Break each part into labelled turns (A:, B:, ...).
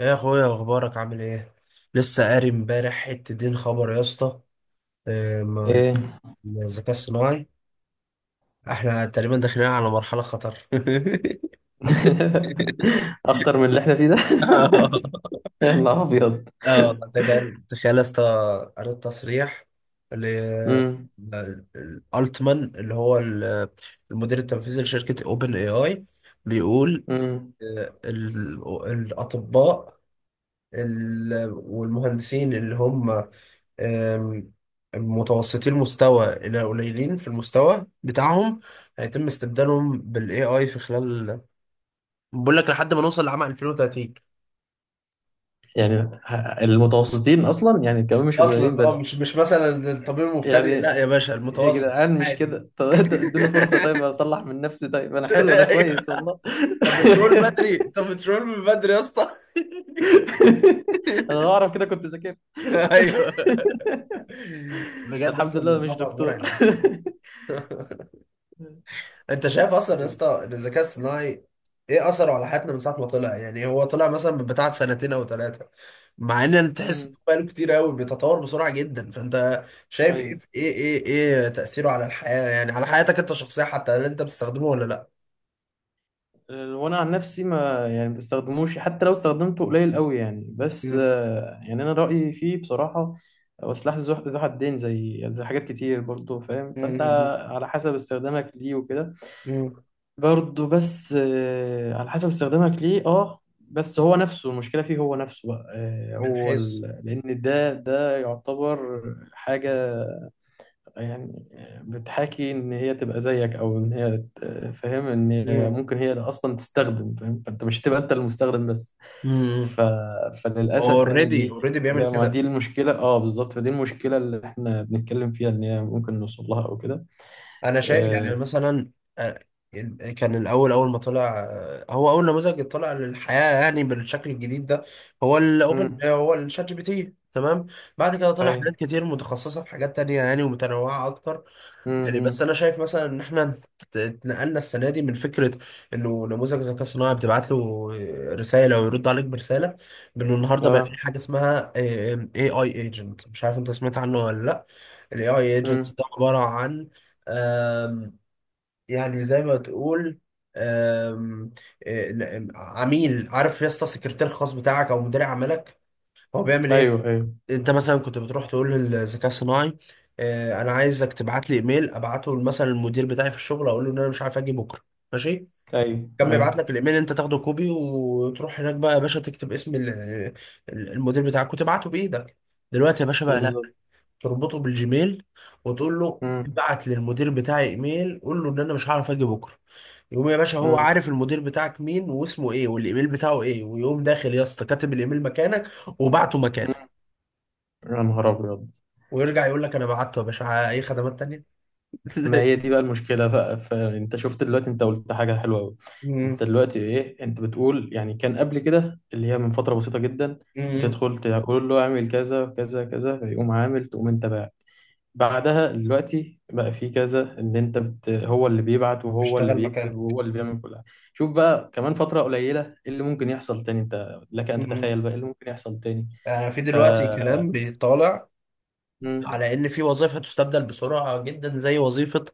A: يا اخويا، اخبارك عامل ايه؟ لسه قاري امبارح حته دين خبر يا اسطى. آه، ما-
B: ايه.
A: ما الذكاء الصناعي، احنا تقريبا داخلين على مرحله خطر.
B: اخطر من اللي احنا فيه ده؟
A: اه.
B: يا نهار ابيض!
A: والله تخيل تخيل يا اسطى، قريت تصريح ل
B: امم
A: التمان اللي هو المدير التنفيذي لشركه اوبن اي اي، بيقول،
B: امم
A: آه، ال- الاطباء والمهندسين اللي هم، آم، متوسطي المستوى إلى قليلين في المستوى بتاعهم، هيتم استبدالهم بال AI في خلال، بقول لك لحد ما نوصل لعام 2030.
B: يعني المتوسطين اصلا يعني كمان مش قليلين
A: اصلا اه
B: بس.
A: مش مثلا الطبيب المبتدئ، لا
B: يعني،
A: يا باشا
B: يا
A: المتوسط.
B: جدعان، مش
A: عادي.
B: كده؟ طب إنت ادوني فرصة، طيب اصلح من نفسي، طيب انا حلو انا
A: ايوه.
B: كويس والله.
A: طب بترول من بدري يا اسطى.
B: انا لو اعرف كده كنت ذاكرت.
A: ايوه. بجد
B: الحمد
A: اصلا
B: لله
A: الموضوع
B: مش
A: بقى
B: دكتور.
A: مرعب. انت شايف اصلا يا
B: ال-
A: اسطى ان الذكاء الصناعي، ايه اثره على حياتنا من ساعه ما طلع؟ يعني هو طلع مثلا من بتاع سنتين او ثلاثه، مع ان انت تحس انه
B: امم.
A: بقاله كتير قوي بيتطور بسرعه جدا. فانت شايف ايه
B: ايوه.
A: في- ايه ايه ايه تاثيره على الحياه؟ يعني على حياتك انت الشخصيه حتى، هل انت بتستخدمه ولا لا؟
B: وانا عن نفسي ما يعني ما بستخدموش، حتى لو استخدمته قليل قوي يعني، بس
A: مم.
B: يعني انا رايي فيه بصراحه. هو سلاح ذو حدين، زي حاجات كتير، برضو فاهم فانت.
A: مم.
B: على حسب استخدامك ليه وكده.
A: مم.
B: برضو بس على حسب استخدامك ليه بس هو نفسه المشكله فيه، هو نفسه بقى
A: من
B: هو
A: حيث.
B: لان ده يعتبر حاجه، يعني بتحاكي ان هي تبقى زيك، او ان هي فاهم، ان هي
A: مم.
B: ممكن هي اللي اصلا تستخدم، فاهم فانت مش هتبقى انت المستخدم بس.
A: امم.
B: ف...
A: هو
B: فللاسف يعني
A: اوريدي بيعمل
B: ما
A: كده.
B: دي المشكلة بالظبط، فدي المشكلة اللي احنا بنتكلم فيها ان هي ممكن نوصل لها او كده.
A: انا شايف يعني
B: آه.
A: مثلا، آه، كان اول ما طلع، هو اول نموذج طلع للحياه يعني بالشكل الجديد ده، هو الاوبن
B: امم.
A: آه، هو الشات جي بي تي، تمام. بعد كده طلع
B: اي.
A: حاجات كتير متخصصه في حاجات تانية، يعني ومتنوعه اكتر. يعني بس
B: امم.
A: انا شايف مثلا ان احنا اتنقلنا السنه دي من فكره انه نموذج ذكاء صناعي بتبعت له رساله ويرد عليك برساله، بانه النهارده بقى في
B: اه.
A: حاجه اسمها اي ايجنت. مش عارف انت سمعت عنه ولا لا؟ الاي اي ايجنت
B: امم.
A: ده عباره عن، آم، يعني زي ما تقول، آم، آه، عميل. عارف يا اسطى، سكرتير خاص بتاعك او مدير عملك. هو بيعمل ايه؟
B: ايوه، ايوه،
A: انت مثلا كنت بتروح تقول للذكاء الصناعي: اه، انا عايزك تبعت لي ايميل، ابعته مثلا المدير بتاعي في الشغل، اقول له ان انا مش عارف اجي بكره، ماشي.
B: ايوه،
A: كان
B: ايوه،
A: بيبعت لك الايميل، انت تاخده كوبي وتروح هناك بقى يا باشا تكتب اسم المدير بتاعك وتبعته بايدك. دلوقتي يا باشا بقى لا،
B: بالظبط.
A: تربطه بالجيميل وتقول له:
B: امم.
A: ابعت للمدير بتاعي ايميل، قول له ان انا مش هعرف اجي بكره. يقوم يا باشا، هو
B: امم.
A: عارف المدير بتاعك مين، واسمه ايه، والايميل بتاعه ايه، ويقوم داخل يا اسطى كاتب الايميل مكانك وبعته مكانك،
B: يا نهار ابيض!
A: ويرجع يقول لك: انا بعته يا باشا، اي خدمات تانية؟
B: ما هي دي بقى المشكلة بقى، فانت شفت دلوقتي انت قلت حاجة حلوة قوي.
A: مم.
B: انت دلوقتي ايه؟ انت بتقول يعني كان قبل كده، اللي هي من فترة بسيطة جدا،
A: مم.
B: بتدخل تقول له اعمل كذا كذا كذا، فيقوم عامل، تقوم انت بقى. بعدها دلوقتي بقى في كذا، ان انت هو اللي بيبعت وهو اللي
A: اشتغل
B: بيكتب
A: مكانه.
B: وهو اللي بيعمل كل حاجة. شوف بقى، كمان فترة قليلة، ايه اللي ممكن يحصل تاني؟ انت لك ان
A: مم.
B: تتخيل بقى ايه اللي ممكن يحصل تاني.
A: في
B: ف
A: دلوقتي كلام بيطالع
B: مم.
A: على ان في وظائف هتستبدل بسرعة جدا، زي وظيفة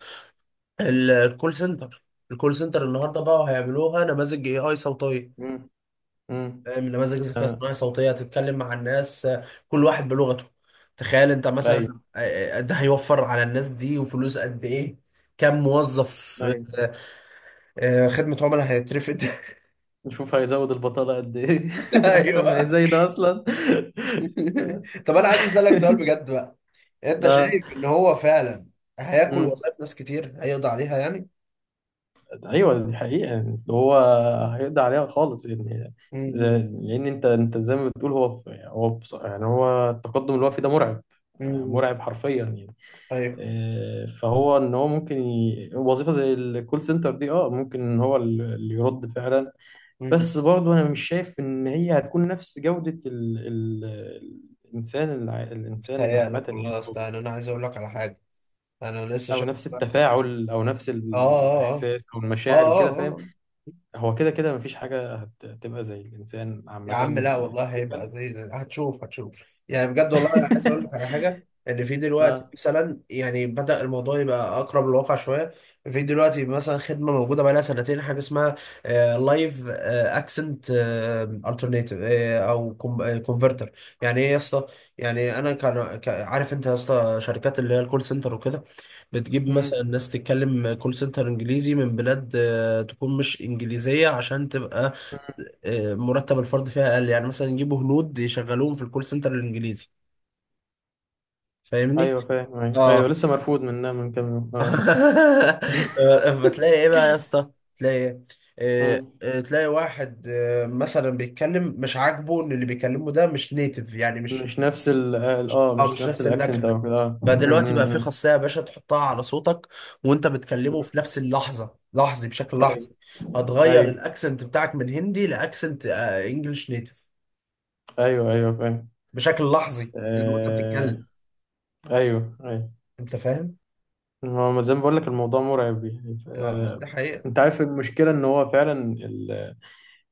A: الكول سنتر. الكول سنتر النهارده بقى هيعملوها نماذج اي اي صوتية.
B: مم. مم.
A: فاهم؟ نماذج ذكاء
B: آه.
A: اصطناعي صوتية هتتكلم مع الناس، كل واحد بلغته. تخيل انت
B: ايوه،
A: مثلا، ده هيوفر على الناس دي وفلوس قد ايه. كم موظف
B: ايوه.
A: خدمة عملاء هيترفد.
B: نشوف هيزود البطالة قد ايه! اكتر ما هي
A: ايوه.
B: زايدة ده اصلا.
A: طب انا عايز اسالك سؤال بجد بقى، انت
B: اه.
A: شايف ان هو فعلا هياكل
B: مم.
A: وظائف ناس كتير، هيقضي عليها يعني؟
B: ايوه، دي حقيقة يعني اللي هو هيقضي عليها خالص يعني.
A: امم.
B: لان انت زي ما بتقول، هو يعني هو التقدم اللي هو فيه ده مرعب،
A: امم.
B: مرعب حرفيا يعني.
A: ايوه.
B: فهو ان هو ممكن وظيفة زي الكول سنتر دي ممكن ان هو اللي يرد فعلا.
A: امم.
B: بس برضه انا مش شايف ان هي هتكون نفس جودة ال الانسان، الانسان عامة
A: هيالك والله
B: يعني،
A: يا
B: او
A: اسطى، يعني انا عايز اقول لك على حاجه. انا لسه
B: او
A: شايف
B: نفس
A: اه.
B: التفاعل او نفس
A: اه اه.
B: الاحساس او المشاعر وكده،
A: اه اه
B: فاهم.
A: آه.
B: هو كده كده مفيش حاجة هتبقى زي الانسان
A: يا
B: عامة.
A: عم لا والله
B: typical.
A: هيبقى زي، هتشوف هتشوف. يعني بجد والله انا عايز اقول لك على حاجه، ان في دلوقتي
B: اه.
A: مثلا يعني بدأ الموضوع يبقى اقرب للواقع شويه. في دلوقتي مثلا خدمه موجوده بقى لها سنتين، حاجه اسمها لايف اكسنت الترناتيف، او كونفرتر. يعني ايه يا اسطى؟ يعني انا كان عارف انت يا اسطى شركات اللي هي الكول سنتر وكده بتجيب مثلا
B: امم.
A: ناس تتكلم كول سنتر انجليزي من بلاد، تكون مش انجليزيه، عشان تبقى مرتب الفرد فيها اقل، يعني مثلا يجيبوا هنود يشغلوهم في الكول سنتر الانجليزي. فاهمني؟
B: ايوه، فاهم. ايوه، ايوه،
A: اه.
B: لسه مرفوض منها من كام يوم. اه.
A: فتلاقي ايه بقى يا اسطى، تلاقي إيه؟
B: مم.
A: تلاقي واحد مثلا بيتكلم، مش عاجبه ان اللي بيكلمه ده مش نيتف، يعني مش،
B: مش نفس ال اه
A: اه
B: مش
A: مش
B: نفس
A: نفس
B: الاكسنت
A: اللكنه.
B: او كده مم،
A: فدلوقتي بقى
B: مم،
A: في
B: مم.
A: خاصية يا باشا تحطها على صوتك، وانت بتكلمه في نفس اللحظة لحظي، بشكل لحظي،
B: ايوه،
A: هتغير
B: ايوه،
A: الاكسنت بتاعك من هندي لاكسنت انجلش نيتف،
B: ايوه، ايوه، فاهم.
A: بشكل لحظي يعني وانت
B: آه...
A: بتتكلم.
B: ايوه، ايوه.
A: انت فاهم؟
B: هو ما زي ما بقول لك، الموضوع مرعب يعني.
A: اه، دي حقيقة.
B: انت عارف المشكله ان هو فعلا ال...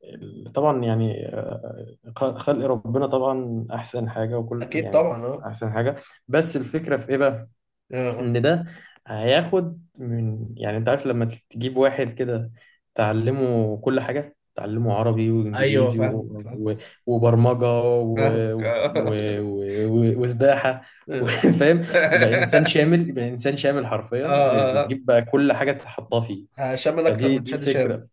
B: ال... طبعا، يعني خلق ربنا طبعا احسن حاجه، وكل
A: اكيد
B: يعني
A: طبعا اه.
B: احسن حاجه. بس الفكره في ايه بقى؟
A: آه.
B: ان ده هياخد من، يعني انت عارف لما تجيب واحد كده، تعلمه كل حاجة، تعلمه عربي
A: ايوه
B: وانجليزي
A: فاهم فاهم.
B: وبرمجة
A: فاهمك اه.
B: وسباحة و-
A: اه.
B: فاهم. تبقى انسان شامل، يبقى انسان شامل
A: اه.
B: حرفيا،
A: آه.
B: بتجيب بقى كل حاجة تحطها فيه.
A: شامل اكتر
B: فدي
A: من
B: دي
A: شادي شام.
B: الفكرة.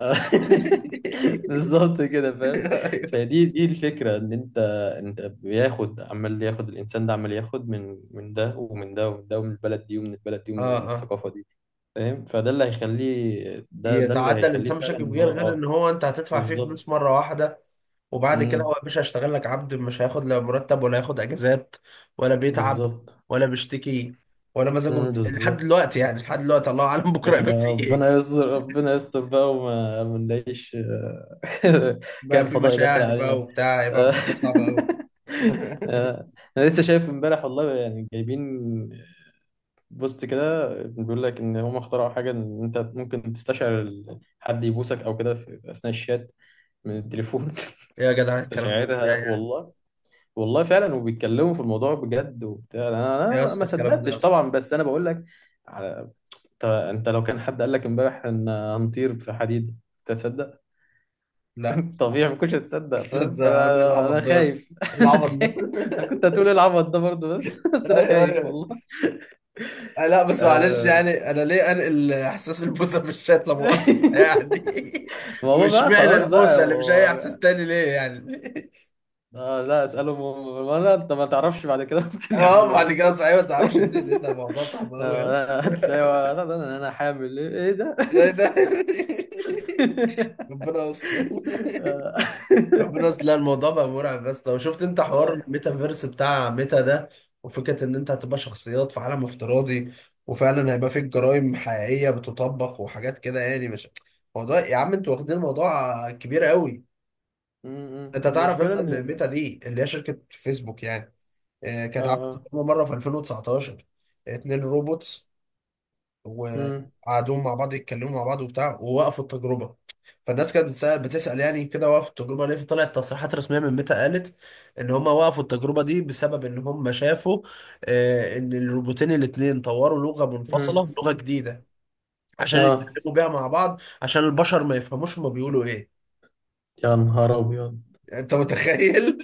B: بالظبط كده، فاهم.
A: ايوه.
B: فدي الفكره، ان انت بياخد، عمال ياخد الانسان ده، عمال ياخد من ده ومن ده ومن ده، ومن البلد دي ومن البلد دي، ومن
A: اه. اه.
B: الثقافه دي. فاهم، فده اللي هيخليه، ده اللي
A: يتعدى
B: هيخليه
A: الانسان
B: فعلا
A: بشكل
B: ان
A: كبير،
B: هو.
A: غير
B: اه
A: ان هو انت هتدفع فيه فلوس
B: بالظبط.
A: مره واحده، وبعد كده هو
B: امم.
A: يا باشا هيشتغل لك عبد. مش هياخد لا مرتب ولا هياخد اجازات، ولا بيتعب،
B: بالظبط.
A: ولا بيشتكي، ولا مزاجه
B: امم.
A: لحد
B: بالظبط.
A: دلوقتي يعني، لحد دلوقتي. الله اعلم بكره يبقى فيه
B: ربنا
A: ايه،
B: يستر ربنا يستر بقى، وما ما نلاقيش
A: بقى
B: كائن
A: في
B: فضائي داخل
A: مشاعر بقى
B: علينا.
A: وبتاع، يبقى
B: آه،
A: الموضوع صعب قوي.
B: آه، انا لسه شايف امبارح والله، يعني جايبين بوست كده بيقول لك ان هم اخترعوا حاجه، ان انت ممكن تستشعر حد يبوسك او كده في اثناء الشات، من التليفون.
A: يا جدع الكلام ده ازاي
B: تستشعرها
A: يعني؟
B: والله. والله فعلا، وبيتكلموا في الموضوع بجد وبتاع، انا
A: يا
B: ما
A: اسطى الكلام ده يا
B: صدقتش
A: اسطى.
B: طبعا، بس انا بقول لك. على- انت لو كان حد قال لك امبارح ان هنطير في حديد، كنت هتصدق؟
A: لا.
B: طبيعي، ما كنتش هتصدق،
A: ده
B: فاهم؟
A: ازاي، هقول ايه
B: فانا
A: العبط
B: انا
A: ده يا اسطى؟
B: خايف.
A: إيه
B: انا
A: العبط ده؟
B: خايف. انا كنت هتقول إيه العبط ده برضه، بس بس انا
A: ايوه
B: خايف
A: ايوه.
B: والله.
A: لا بس معلش
B: آه.
A: يعني، انا ليه انقل احساس البوسه في الشات، لا مؤاخذة؟ يعني
B: ما هو بقى
A: واشمعنى
B: خلاص بقى.
A: البوسه اللي مش اي احساس تاني ليه يعني؟
B: آه، لا، اسألهم هم، ما لا انت ما تعرفش بعد كده. ممكن
A: اه
B: يعملوا ايه.
A: بعد
B: بقى.
A: كده صحيح ما تعرفش يعني ليه، ده موضوع صعب قوي يا
B: آه،
A: اسطى.
B: لا، هتلاقي، لا، لا، لا، انا حامل ايه؟ إيه ده؟
A: ايه ده؟ ربنا يستر.
B: آه.
A: ربنا يستر. لا الموضوع بقى مرعب، بس لو شفت انت حوار
B: آه.
A: الميتافيرس بتاع ميتا ده، وفكرة ان انت هتبقى شخصيات في عالم افتراضي، وفعلا هيبقى فيك جرائم حقيقية بتطبق وحاجات كده، يعني مش موضوع. يا عم انتوا واخدين الموضوع كبير قوي.
B: م- م.
A: انت تعرف
B: المشكلة
A: اصلا ان
B: ان.
A: ميتا دي اللي هي شركة فيسبوك يعني، اه،
B: اه
A: كانت عملت
B: آه.
A: تجربة مرة في 2019، اتنين روبوتس،
B: م-
A: وقعدوا مع بعض يتكلموا مع بعض وبتاع، ووقفوا التجربه. فالناس كانت بتسأل يعني كده وقفوا التجربه ليه؟ فطلعت تصريحات رسميه من ميتا، قالت ان هم وقفوا التجربه دي بسبب ان هم شافوا ان الروبوتين الاتنين طوروا لغه
B: م.
A: منفصله، لغه جديده، عشان
B: اه
A: يتكلموا بيها مع بعض، عشان البشر ما يفهموش هما بيقولوا ايه.
B: يا نهار ابيض!
A: انت متخيل؟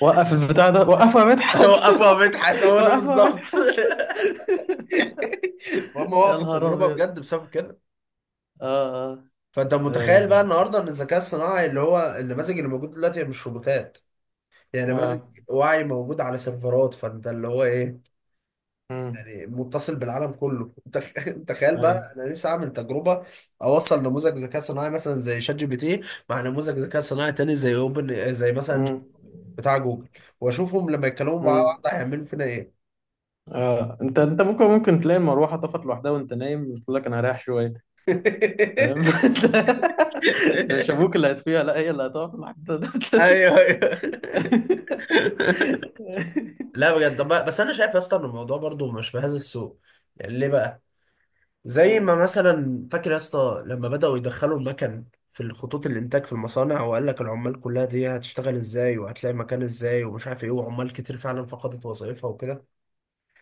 B: وقف البتاع ده وقفه، يا مدحت.
A: وقفوا يا مدحت، هو ده
B: وقفه، يا
A: بالظبط.
B: مدحت.
A: هم
B: يا
A: وقفوا
B: نهار
A: التجربه
B: ابيض!
A: بجد بسبب كده.
B: اه،
A: فانت
B: اه،
A: متخيل بقى
B: اه،
A: النهارده ان الذكاء الصناعي، اللي هو النماذج اللي موجود دلوقتي، هي مش روبوتات، يعني
B: آه.
A: نماذج
B: آه.
A: وعي موجود على سيرفرات، فانت اللي هو ايه،
B: م.
A: يعني متصل بالعالم كله. تخيل بقى،
B: أيوة.
A: انا نفسي اعمل تجربه، اوصل نموذج ذكاء صناعي مثلا زي شات جي بي تي مع نموذج ذكاء صناعي تاني، زي اوبن زي مثلا ج-
B: امم.
A: بتاع جوجل، واشوفهم لما يتكلموا مع
B: امم.
A: بعض هيعملوا فينا ايه.
B: آه. انت ممكن تلاقي المروحه طفت لوحدها وانت نايم، بتقول لك انا هريح شويه، فاهم. مش ابوك اللي هتفيها، لا، هي اللي هتقف لوحدها.
A: ايوه ايوه. لا بجد. طب بس انا شايف يا اسطى ان الموضوع برضو مش بهذا السوء. يعني ليه بقى؟ زي
B: امم.
A: ما مثلا فاكر يا اسطى لما بدأوا يدخلوا المكن في الخطوط الانتاج في المصانع، وقال لك العمال كلها دي هتشتغل ازاي وهتلاقي مكان ازاي ومش عارف ايه، وعمال كتير فعلا فقدت وظائفها وكده.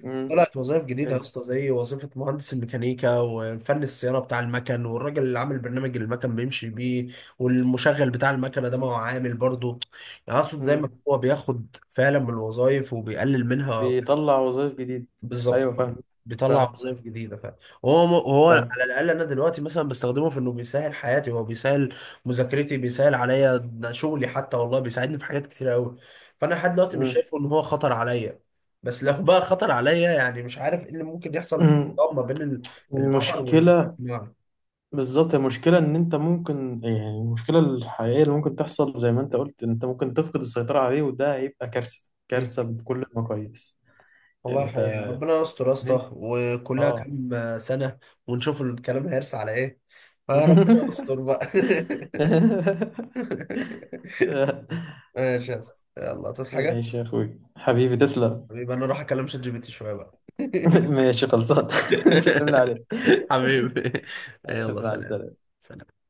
B: امم.
A: طلعت وظائف جديدة يا
B: ايوه.
A: اسطى، زي وظيفة مهندس الميكانيكا، وفن الصيانة بتاع المكن، والراجل اللي عامل برنامج المكن بيمشي بيه، والمشغل بتاع المكنة ده. ما هو عامل برضه، يعني اقصد زي ما
B: امم.
A: هو بياخد فعلا من الوظائف وبيقلل منها،
B: بيطلع وظائف جديد.
A: بالظبط،
B: ايوه، فاهم،
A: بيطلع
B: فاهم،
A: وظائف جديده فعلا. وهو
B: فاهم.
A: على الاقل انا دلوقتي مثلا بستخدمه في انه بيسهل حياتي، هو بيسهل مذاكرتي، بيسهل عليا ده شغلي حتى والله، بيساعدني في حاجات كتير قوي. فانا لحد دلوقتي مش شايفه ان هو خطر عليا. بس لو بقى خطر عليا، يعني مش عارف ايه اللي ممكن يحصل في
B: امم.
A: الطاقه ما بين البشر والذكاء
B: المشكله.
A: الاصطناعي.
B: بالظبط، المشكلة إن أنت ممكن، يعني المشكلة الحقيقية اللي ممكن تحصل، زي ما أنت قلت، أنت ممكن تفقد السيطرة عليه، وده هيبقى كارثة،
A: مم.
B: كارثة بكل المقاييس.
A: والله
B: أنت،
A: حقيقة ربنا يستر يا
B: إن أنت.
A: اسطى، وكلها
B: آه
A: كام سنة ونشوف الكلام هيرسى على ايه. فربنا يستر بقى. ماشي يا اسطى، يلا تصحى حاجة؟
B: ماشي، يا أخوي حبيبي، تسلم.
A: حبيبي انا اروح اكلم شات جي بي تي شوية بقى.
B: ماشي خلصان. تسلم لي عليك.
A: حبيبي. يلا
B: مع
A: سلام.
B: السلامة.
A: سلام.